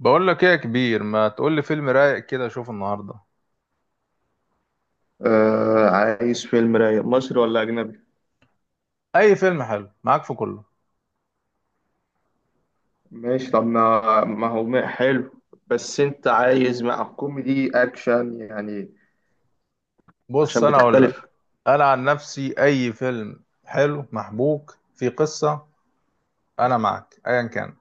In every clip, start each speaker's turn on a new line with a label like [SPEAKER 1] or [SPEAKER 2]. [SPEAKER 1] بقول لك ايه يا كبير؟ ما تقول لي فيلم رايق كده اشوفه النهارده.
[SPEAKER 2] آه، عايز فيلم رايق مصري ولا أجنبي؟
[SPEAKER 1] اي فيلم حلو معاك في كله.
[SPEAKER 2] ماشي، طب ما هو حلو. بس أنت عايز مع كوميدي أكشن يعني،
[SPEAKER 1] بص
[SPEAKER 2] عشان
[SPEAKER 1] انا اقول لك،
[SPEAKER 2] بتختلف.
[SPEAKER 1] انا عن نفسي اي فيلم حلو محبوك في قصه. انا معاك ايا كان.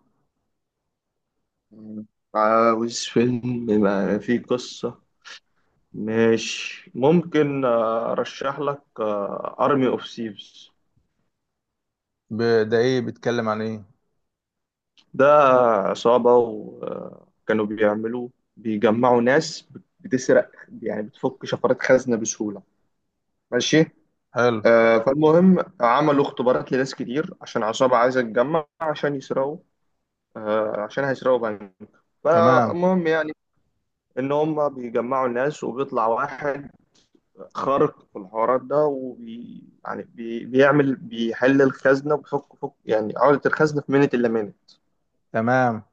[SPEAKER 2] مم. عاوز فيلم ما فيه قصة. ماشي، ممكن، أرشح لك أرمي أوف سيفز.
[SPEAKER 1] ده ايه، بيتكلم عن ايه؟
[SPEAKER 2] ده عصابة وكانوا بيعملوا، بيجمعوا ناس بتسرق، يعني بتفك شفرات خزنة بسهولة. ماشي.
[SPEAKER 1] حلو.
[SPEAKER 2] فالمهم عملوا اختبارات لناس كتير عشان عصابة عايزة تتجمع عشان يسرقوا، عشان هيسرقوا بنك.
[SPEAKER 1] تمام.
[SPEAKER 2] فالمهم يعني إن هم بيجمعوا الناس وبيطلع واحد خارق في الحوارات ده، بيحل الخزنة، وبيفك يعني عقدة الخزنة في منت إلا منت.
[SPEAKER 1] تمام.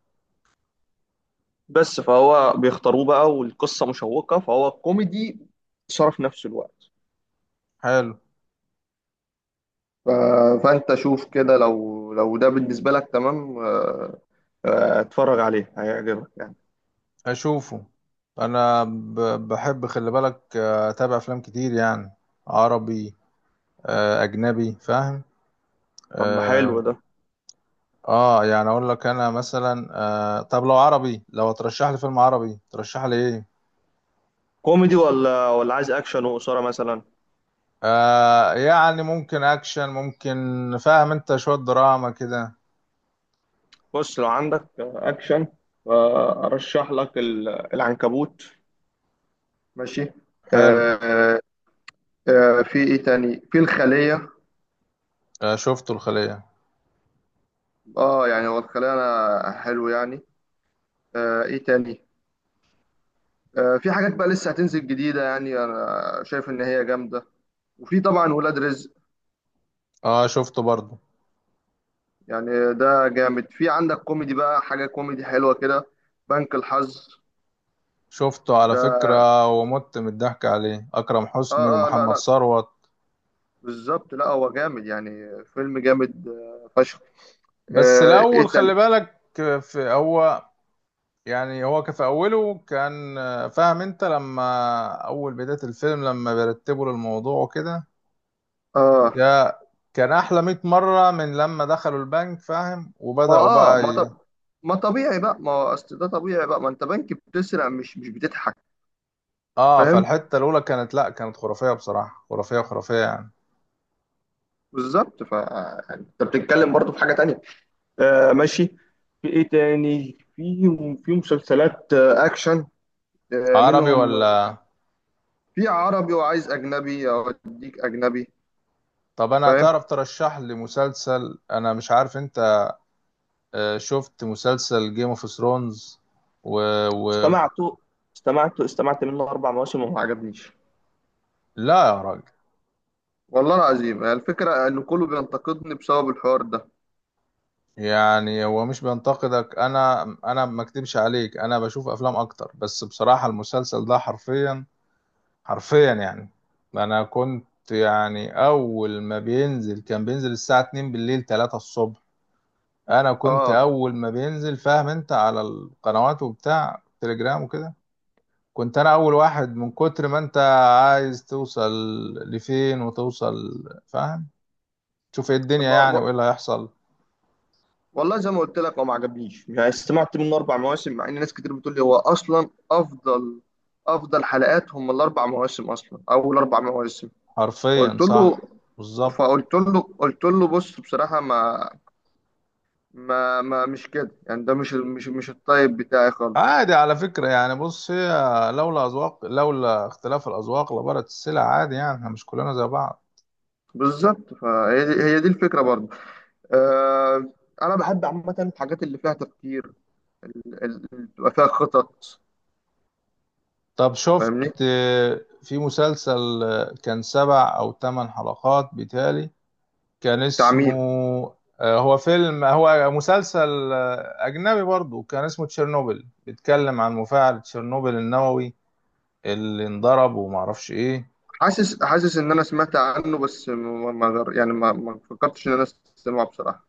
[SPEAKER 2] بس فهو بيختاروه بقى، والقصة مشوقة، فهو كوميدي صرف نفس الوقت.
[SPEAKER 1] حلو.
[SPEAKER 2] ف- فانت شوف كده، لو ده بالنسبه لك تمام، اتفرج عليه هيعجبك يعني.
[SPEAKER 1] اشوفه. انا بحب خلي بالك، اتابع افلام كتير يعني، عربي، اجنبي فاهم.
[SPEAKER 2] طب ما حلو
[SPEAKER 1] آه.
[SPEAKER 2] ده.
[SPEAKER 1] اه، يعني اقول لك انا مثلا. آه، طب لو عربي، لو ترشح لي فيلم عربي ترشح لي ايه؟
[SPEAKER 2] كوميدي ولا عايز اكشن وقصيره مثلا؟
[SPEAKER 1] آه يعني ممكن اكشن، ممكن. فاهم انت؟ شوية دراما كده.
[SPEAKER 2] بص، لو عندك اكشن، ارشح لك العنكبوت. ماشي. آه،
[SPEAKER 1] حلو.
[SPEAKER 2] آه، في ايه تاني؟ في الخليه.
[SPEAKER 1] آه، شفته الخلية.
[SPEAKER 2] اه، يعني هو الخليه انا حلو يعني. ايه تاني؟ في حاجات بقى لسه هتنزل جديده، يعني انا شايف ان هي جامده. وفي طبعا ولاد رزق.
[SPEAKER 1] اه شفته برضو.
[SPEAKER 2] يعني ده جامد. في عندك كوميدي بقى، حاجة كوميدي حلوة كده، بنك الحظ.
[SPEAKER 1] شفته على
[SPEAKER 2] ده
[SPEAKER 1] فكرة ومت من الضحك عليه، اكرم حسني
[SPEAKER 2] اه، اه، لا،
[SPEAKER 1] ومحمد
[SPEAKER 2] لا،
[SPEAKER 1] ثروت.
[SPEAKER 2] بالظبط. لا، هو جامد يعني، فيلم جامد فشخ.
[SPEAKER 1] بس
[SPEAKER 2] ايه
[SPEAKER 1] الاول خلي
[SPEAKER 2] تاني؟
[SPEAKER 1] بالك، في هو، يعني هو كان في اوله، كان، فاهم انت لما، اول بداية الفيلم لما بيرتبوا للموضوع وكده،
[SPEAKER 2] اه،
[SPEAKER 1] يا كان احلى 100 مره من لما دخلوا البنك، فاهم، وبداوا بقى
[SPEAKER 2] ما طب، ما طبيعي بقى، ما هو اصل ده طبيعي بقى، ما انت بنك بتسرق، مش بتضحك.
[SPEAKER 1] اه.
[SPEAKER 2] فاهم،
[SPEAKER 1] فالحته الاولى كانت، لا كانت خرافيه بصراحه، خرافيه خرافيه يعني.
[SPEAKER 2] بالظبط. ف يعني انت بتتكلم برضو في حاجة تانية. ماشي، في ايه تاني؟ في مسلسلات اكشن
[SPEAKER 1] عربي
[SPEAKER 2] منهم.
[SPEAKER 1] ولا؟
[SPEAKER 2] في عربي، وعايز أجنبي أوديك أجنبي.
[SPEAKER 1] طب انا،
[SPEAKER 2] فاهم.
[SPEAKER 1] تعرف ترشح لي مسلسل، انا مش عارف انت، شفت مسلسل جيم اوف ثرونز؟ و... و...
[SPEAKER 2] استمعت استمعت منه أربع مواسم وما عجبنيش.
[SPEAKER 1] لا يا راجل.
[SPEAKER 2] والله العظيم الفكرة إن كله بينتقدني بسبب الحوار ده.
[SPEAKER 1] يعني هو مش بينتقدك، انا ما اكدبش عليك، انا بشوف افلام اكتر، بس بصراحه المسلسل ده حرفيا، حرفيا يعني. انا كنت يعني اول ما بينزل، كان بينزل الساعة 2 بالليل 3 الصبح، انا كنت
[SPEAKER 2] آه
[SPEAKER 1] اول ما بينزل، فاهم انت، على القنوات وبتاع تليجرام وكده. كنت انا اول واحد من كتر ما انت عايز توصل لفين وتوصل، فاهم، تشوف ايه الدنيا،
[SPEAKER 2] ب-
[SPEAKER 1] يعني
[SPEAKER 2] ب-
[SPEAKER 1] وايه اللي هيحصل.
[SPEAKER 2] والله زي ما قلت لك، هو ما عجبنيش يعني. استمعت منه أربع مواسم، مع إن ناس كتير بتقول لي هو أصلا أفضل، أفضل حلقات هم الأربع مواسم، أصلا أول أربع مواسم.
[SPEAKER 1] حرفيا
[SPEAKER 2] قلت له
[SPEAKER 1] صح. بالظبط.
[SPEAKER 2] قلت له بص، بصراحة ما مش كده يعني. ده مش الطيب بتاعي خالص.
[SPEAKER 1] عادي على فكرة، يعني بص هي، لولا اختلاف الأذواق لبارت السلع، عادي يعني احنا مش كلنا زي بعض.
[SPEAKER 2] بالظبط، فهي دي هي دي الفكره برضه. آه انا بحب عامه الحاجات اللي فيها تفكير، ال- ال- اللي بتبقى فيها خطط.
[SPEAKER 1] طب شفت
[SPEAKER 2] فاهمني.
[SPEAKER 1] في مسلسل، كان سبع أو ثمان حلقات بتالي، كان اسمه،
[SPEAKER 2] تعميم.
[SPEAKER 1] هو فيلم هو مسلسل أجنبي برضو، كان اسمه تشيرنوبل، بيتكلم عن مفاعل تشيرنوبل النووي اللي انضرب وما اعرفش ايه.
[SPEAKER 2] حاسس ان انا سمعت عنه، بس ما غير يعني، ما فكرتش ان انا اسمعه بصراحه.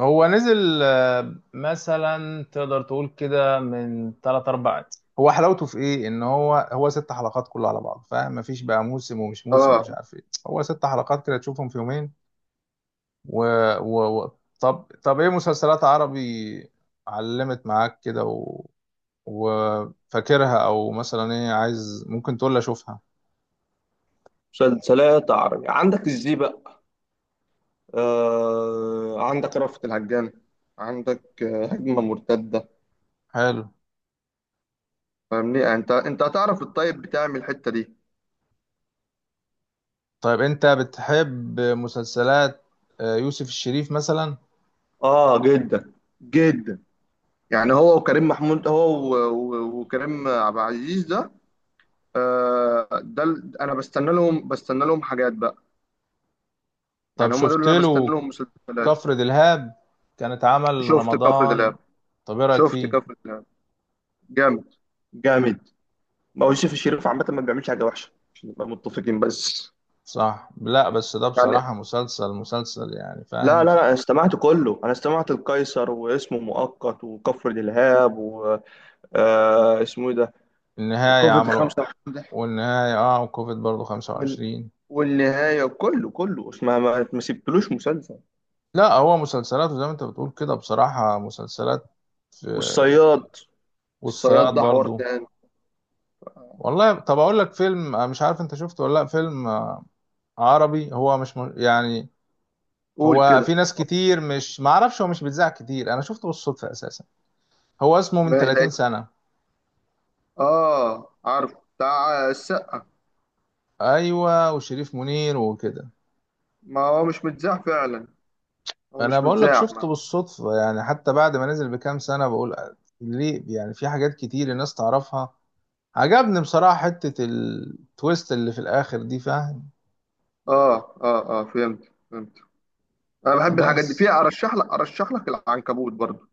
[SPEAKER 1] هو نزل، مثلا تقدر تقول كده من 3 4. هو حلاوته في ايه، ان هو ست حلقات كله على بعض، فاهم، مفيش بقى موسم ومش موسم
[SPEAKER 2] اه.
[SPEAKER 1] ومش عارف ايه، هو ست حلقات كده تشوفهم في يومين. و... و... و... طب ايه مسلسلات عربي علمت معاك كده وفاكرها او مثلا ايه عايز، ممكن تقول لي اشوفها؟
[SPEAKER 2] مسلسلات عربي عندك ازاي بقى؟ عندك رأفت الهجان، عندك هجمه مرتده.
[SPEAKER 1] حلو.
[SPEAKER 2] فاهمني، انت هتعرف الطيب بتاعي من الحته دي.
[SPEAKER 1] طيب انت بتحب مسلسلات يوسف الشريف مثلا؟
[SPEAKER 2] اه، جدا، جدا. يعني هو وكريم محمود، وكريم عبد العزيز ده. ده انا بستنى لهم، حاجات بقى.
[SPEAKER 1] طب
[SPEAKER 2] يعني هم دول
[SPEAKER 1] شفت
[SPEAKER 2] اللي انا بستنى
[SPEAKER 1] له
[SPEAKER 2] لهم مسلسلات.
[SPEAKER 1] كفر دلهاب، كان اتعمل
[SPEAKER 2] شفت كفر دلاب،
[SPEAKER 1] رمضان؟ طب ايه رايك
[SPEAKER 2] شفت
[SPEAKER 1] فيه؟
[SPEAKER 2] كفر دلاب، جامد، جامد. ما هو يوسف الشريف عامه ما بيعملش حاجه وحشه عشان نبقى متفقين بس.
[SPEAKER 1] صح. لا بس ده
[SPEAKER 2] يعني
[SPEAKER 1] بصراحة، مسلسل مسلسل يعني،
[SPEAKER 2] لا،
[SPEAKER 1] فاهم،
[SPEAKER 2] لا، لا، انا
[SPEAKER 1] مسلسل
[SPEAKER 2] استمعت كله. انا استمعت القيصر واسمه مؤقت وكفر دلهاب و اسمه ايه ده،
[SPEAKER 1] النهاية
[SPEAKER 2] وكفر
[SPEAKER 1] عملوا.
[SPEAKER 2] خمسة وعشرين.
[SPEAKER 1] والنهاية اه، وكوفيد برضو
[SPEAKER 2] وال...
[SPEAKER 1] 25.
[SPEAKER 2] والنهاية، كله، كله اسمع، ما سبتلوش مسلسل.
[SPEAKER 1] لا هو مسلسلات، وزي ما انت بتقول كده بصراحة مسلسلات في.
[SPEAKER 2] والصياد. الصياد
[SPEAKER 1] والصياد
[SPEAKER 2] ده حوار
[SPEAKER 1] برضو.
[SPEAKER 2] تاني.
[SPEAKER 1] والله طب اقول لك فيلم، مش عارف انت شفته ولا لا، فيلم عربي، هو مش يعني
[SPEAKER 2] قول
[SPEAKER 1] هو،
[SPEAKER 2] كده.
[SPEAKER 1] في ناس كتير مش، ما اعرفش، هو مش بيتذاع كتير، انا شفته بالصدفة اساسا. هو اسمه من
[SPEAKER 2] ما ده
[SPEAKER 1] 30 سنة،
[SPEAKER 2] اه، عارف، بتاع السقة.
[SPEAKER 1] ايوه، وشريف منير وكده.
[SPEAKER 2] ما هو مش متذاع فعلا، هو
[SPEAKER 1] انا
[SPEAKER 2] مش
[SPEAKER 1] بقول لك
[SPEAKER 2] متذاع
[SPEAKER 1] شفته
[SPEAKER 2] ما.
[SPEAKER 1] بالصدفة، يعني حتى بعد ما نزل بكام سنة بقول ليه؟ يعني في حاجات كتير الناس تعرفها. عجبني بصراحة حتة التويست اللي في الآخر دي، فاهم.
[SPEAKER 2] اه، اه، اه، فهمت، فهمت. انا بحب الحاجات دي، في
[SPEAKER 1] بس
[SPEAKER 2] ارشح لك، العنكبوت برضو.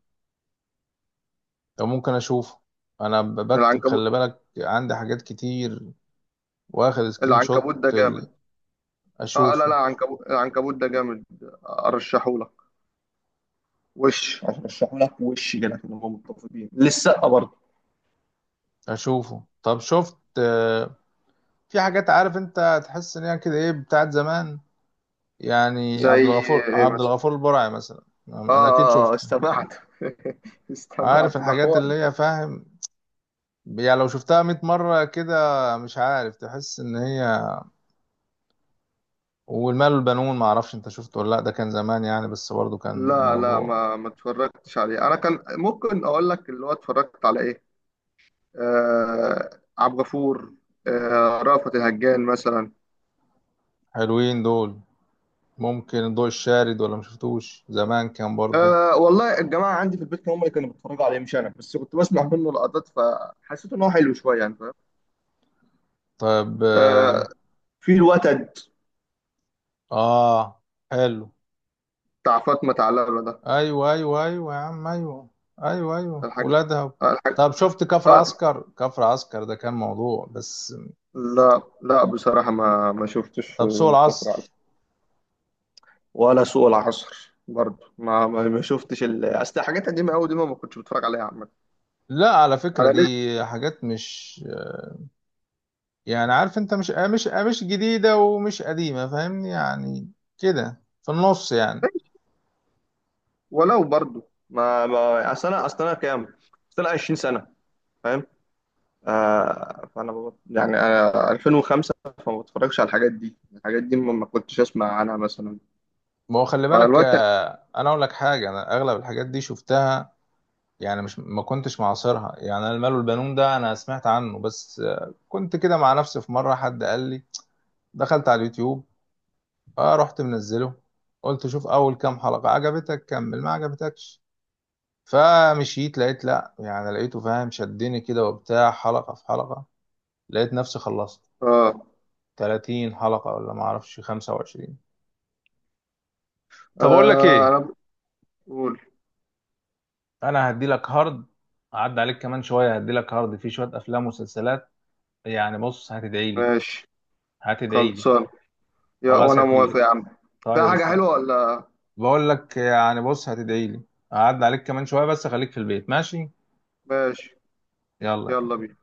[SPEAKER 1] ممكن اشوفه. انا بكتب
[SPEAKER 2] العنكبوت،
[SPEAKER 1] خلي بالك، عندي حاجات كتير واخد سكرين شوت
[SPEAKER 2] العنكبوت ده جامد. اه، لا، لا،
[SPEAKER 1] اشوفه.
[SPEAKER 2] عنكبوت، العنكبوت ده جامد، ارشحه لك. وش ارشحه لك، وش كده، كده نبقى متفقين، للسقة برضو.
[SPEAKER 1] اشوفه. طب شفت في حاجات، عارف انت تحس ان هي كده ايه، بتاعت زمان، يعني
[SPEAKER 2] زي،
[SPEAKER 1] عبد الغفور البرعي مثلا،
[SPEAKER 2] اه،
[SPEAKER 1] انا اكيد
[SPEAKER 2] اه،
[SPEAKER 1] شفته.
[SPEAKER 2] استمعت.
[SPEAKER 1] عارف
[SPEAKER 2] استمعت، ده
[SPEAKER 1] الحاجات
[SPEAKER 2] حوار.
[SPEAKER 1] اللي هي، فاهم، يعني لو شفتها 100 مرة كده مش عارف، تحس ان هي. والمال والبنون، معرفش انت شفته ولا لا، ده كان زمان يعني، بس برضه كان
[SPEAKER 2] لا، لا،
[SPEAKER 1] موضوع.
[SPEAKER 2] ما ما اتفرجتش عليه انا. كان ممكن اقول لك اللي هو اتفرجت على ايه. آه عبد الغفور، رأفت الهجان مثلا.
[SPEAKER 1] حلوين دول. ممكن الضوء الشارد ولا مشفتوش؟ زمان كان برضو.
[SPEAKER 2] والله الجماعه عندي في البيت هم اللي كانوا بيتفرجوا عليه، مش انا، بس كنت بسمع منه لقطات فحسيت ان هو حلو شويه يعني، فاهم.
[SPEAKER 1] طيب.
[SPEAKER 2] آه
[SPEAKER 1] آه.
[SPEAKER 2] في الوتد،
[SPEAKER 1] آه. حلو.
[SPEAKER 2] بتاع فاطمه علبه ده.
[SPEAKER 1] أيوة أيوة أيوة يا عم، أيوة. أيوة أيوة
[SPEAKER 2] الحاجه،
[SPEAKER 1] ولادها.
[SPEAKER 2] الحاجه.
[SPEAKER 1] طب شفت كفر
[SPEAKER 2] آه
[SPEAKER 1] عسكر؟ كفر عسكر ده كان موضوع بس.
[SPEAKER 2] لا، لا، بصراحه ما ما شفتش
[SPEAKER 1] طب سوق
[SPEAKER 2] الكفر.
[SPEAKER 1] العصر؟
[SPEAKER 2] ولا سوق العصر برضه، ما شفتش اصل حاجات قديمه قوي دي، ما ما كنتش بتفرج عليها عامه.
[SPEAKER 1] لا على فكرة
[SPEAKER 2] انا
[SPEAKER 1] دي
[SPEAKER 2] لسه.
[SPEAKER 1] حاجات مش، يعني عارف انت، مش جديدة ومش قديمة، فاهمني يعني، كده في النص يعني.
[SPEAKER 2] ولو برضه، ما ما اصل انا، كام، اصل انا 20 سنة سنه، فاهم. فانا يعني انا 2005. فما بتفرجش على الحاجات دي، الحاجات دي ما ما كنتش اسمع عنها مثلا،
[SPEAKER 1] ما هو خلي بالك،
[SPEAKER 2] فالوقت.
[SPEAKER 1] انا اقول لك حاجة، انا اغلب الحاجات دي شفتها، يعني مش، ما كنتش معاصرها يعني. انا المال والبنون ده انا سمعت عنه بس، كنت كده مع نفسي في مره حد قال لي، دخلت على اليوتيوب، اه رحت منزله، قلت شوف اول كام حلقه عجبتك كمل، ما عجبتكش. فمشيت لقيت، لا يعني لقيته، فاهم، شدني كده وبتاع، حلقه في حلقه لقيت نفسي خلصت
[SPEAKER 2] اه,
[SPEAKER 1] 30 حلقه ولا ما اعرفش 25. طب اقول لك ايه،
[SPEAKER 2] انا بقول،
[SPEAKER 1] انا هدي لك هارد، عدى عليك كمان شويه هدي لك هارد، فيه شويه افلام ومسلسلات. يعني بص هتدعي لي،
[SPEAKER 2] ماشي.
[SPEAKER 1] هتدعي لي.
[SPEAKER 2] خلصان، يا،
[SPEAKER 1] خلاص يا
[SPEAKER 2] وانا موافق
[SPEAKER 1] كبير.
[SPEAKER 2] يا عم. في
[SPEAKER 1] طيب
[SPEAKER 2] حاجه
[SPEAKER 1] استنى.
[SPEAKER 2] حلوه ولا؟
[SPEAKER 1] بقول لك يعني بص هتدعي لي، هعدي عليك كمان شوية، بس خليك في البيت ماشي.
[SPEAKER 2] ماشي.
[SPEAKER 1] يلا.
[SPEAKER 2] يلا بينا.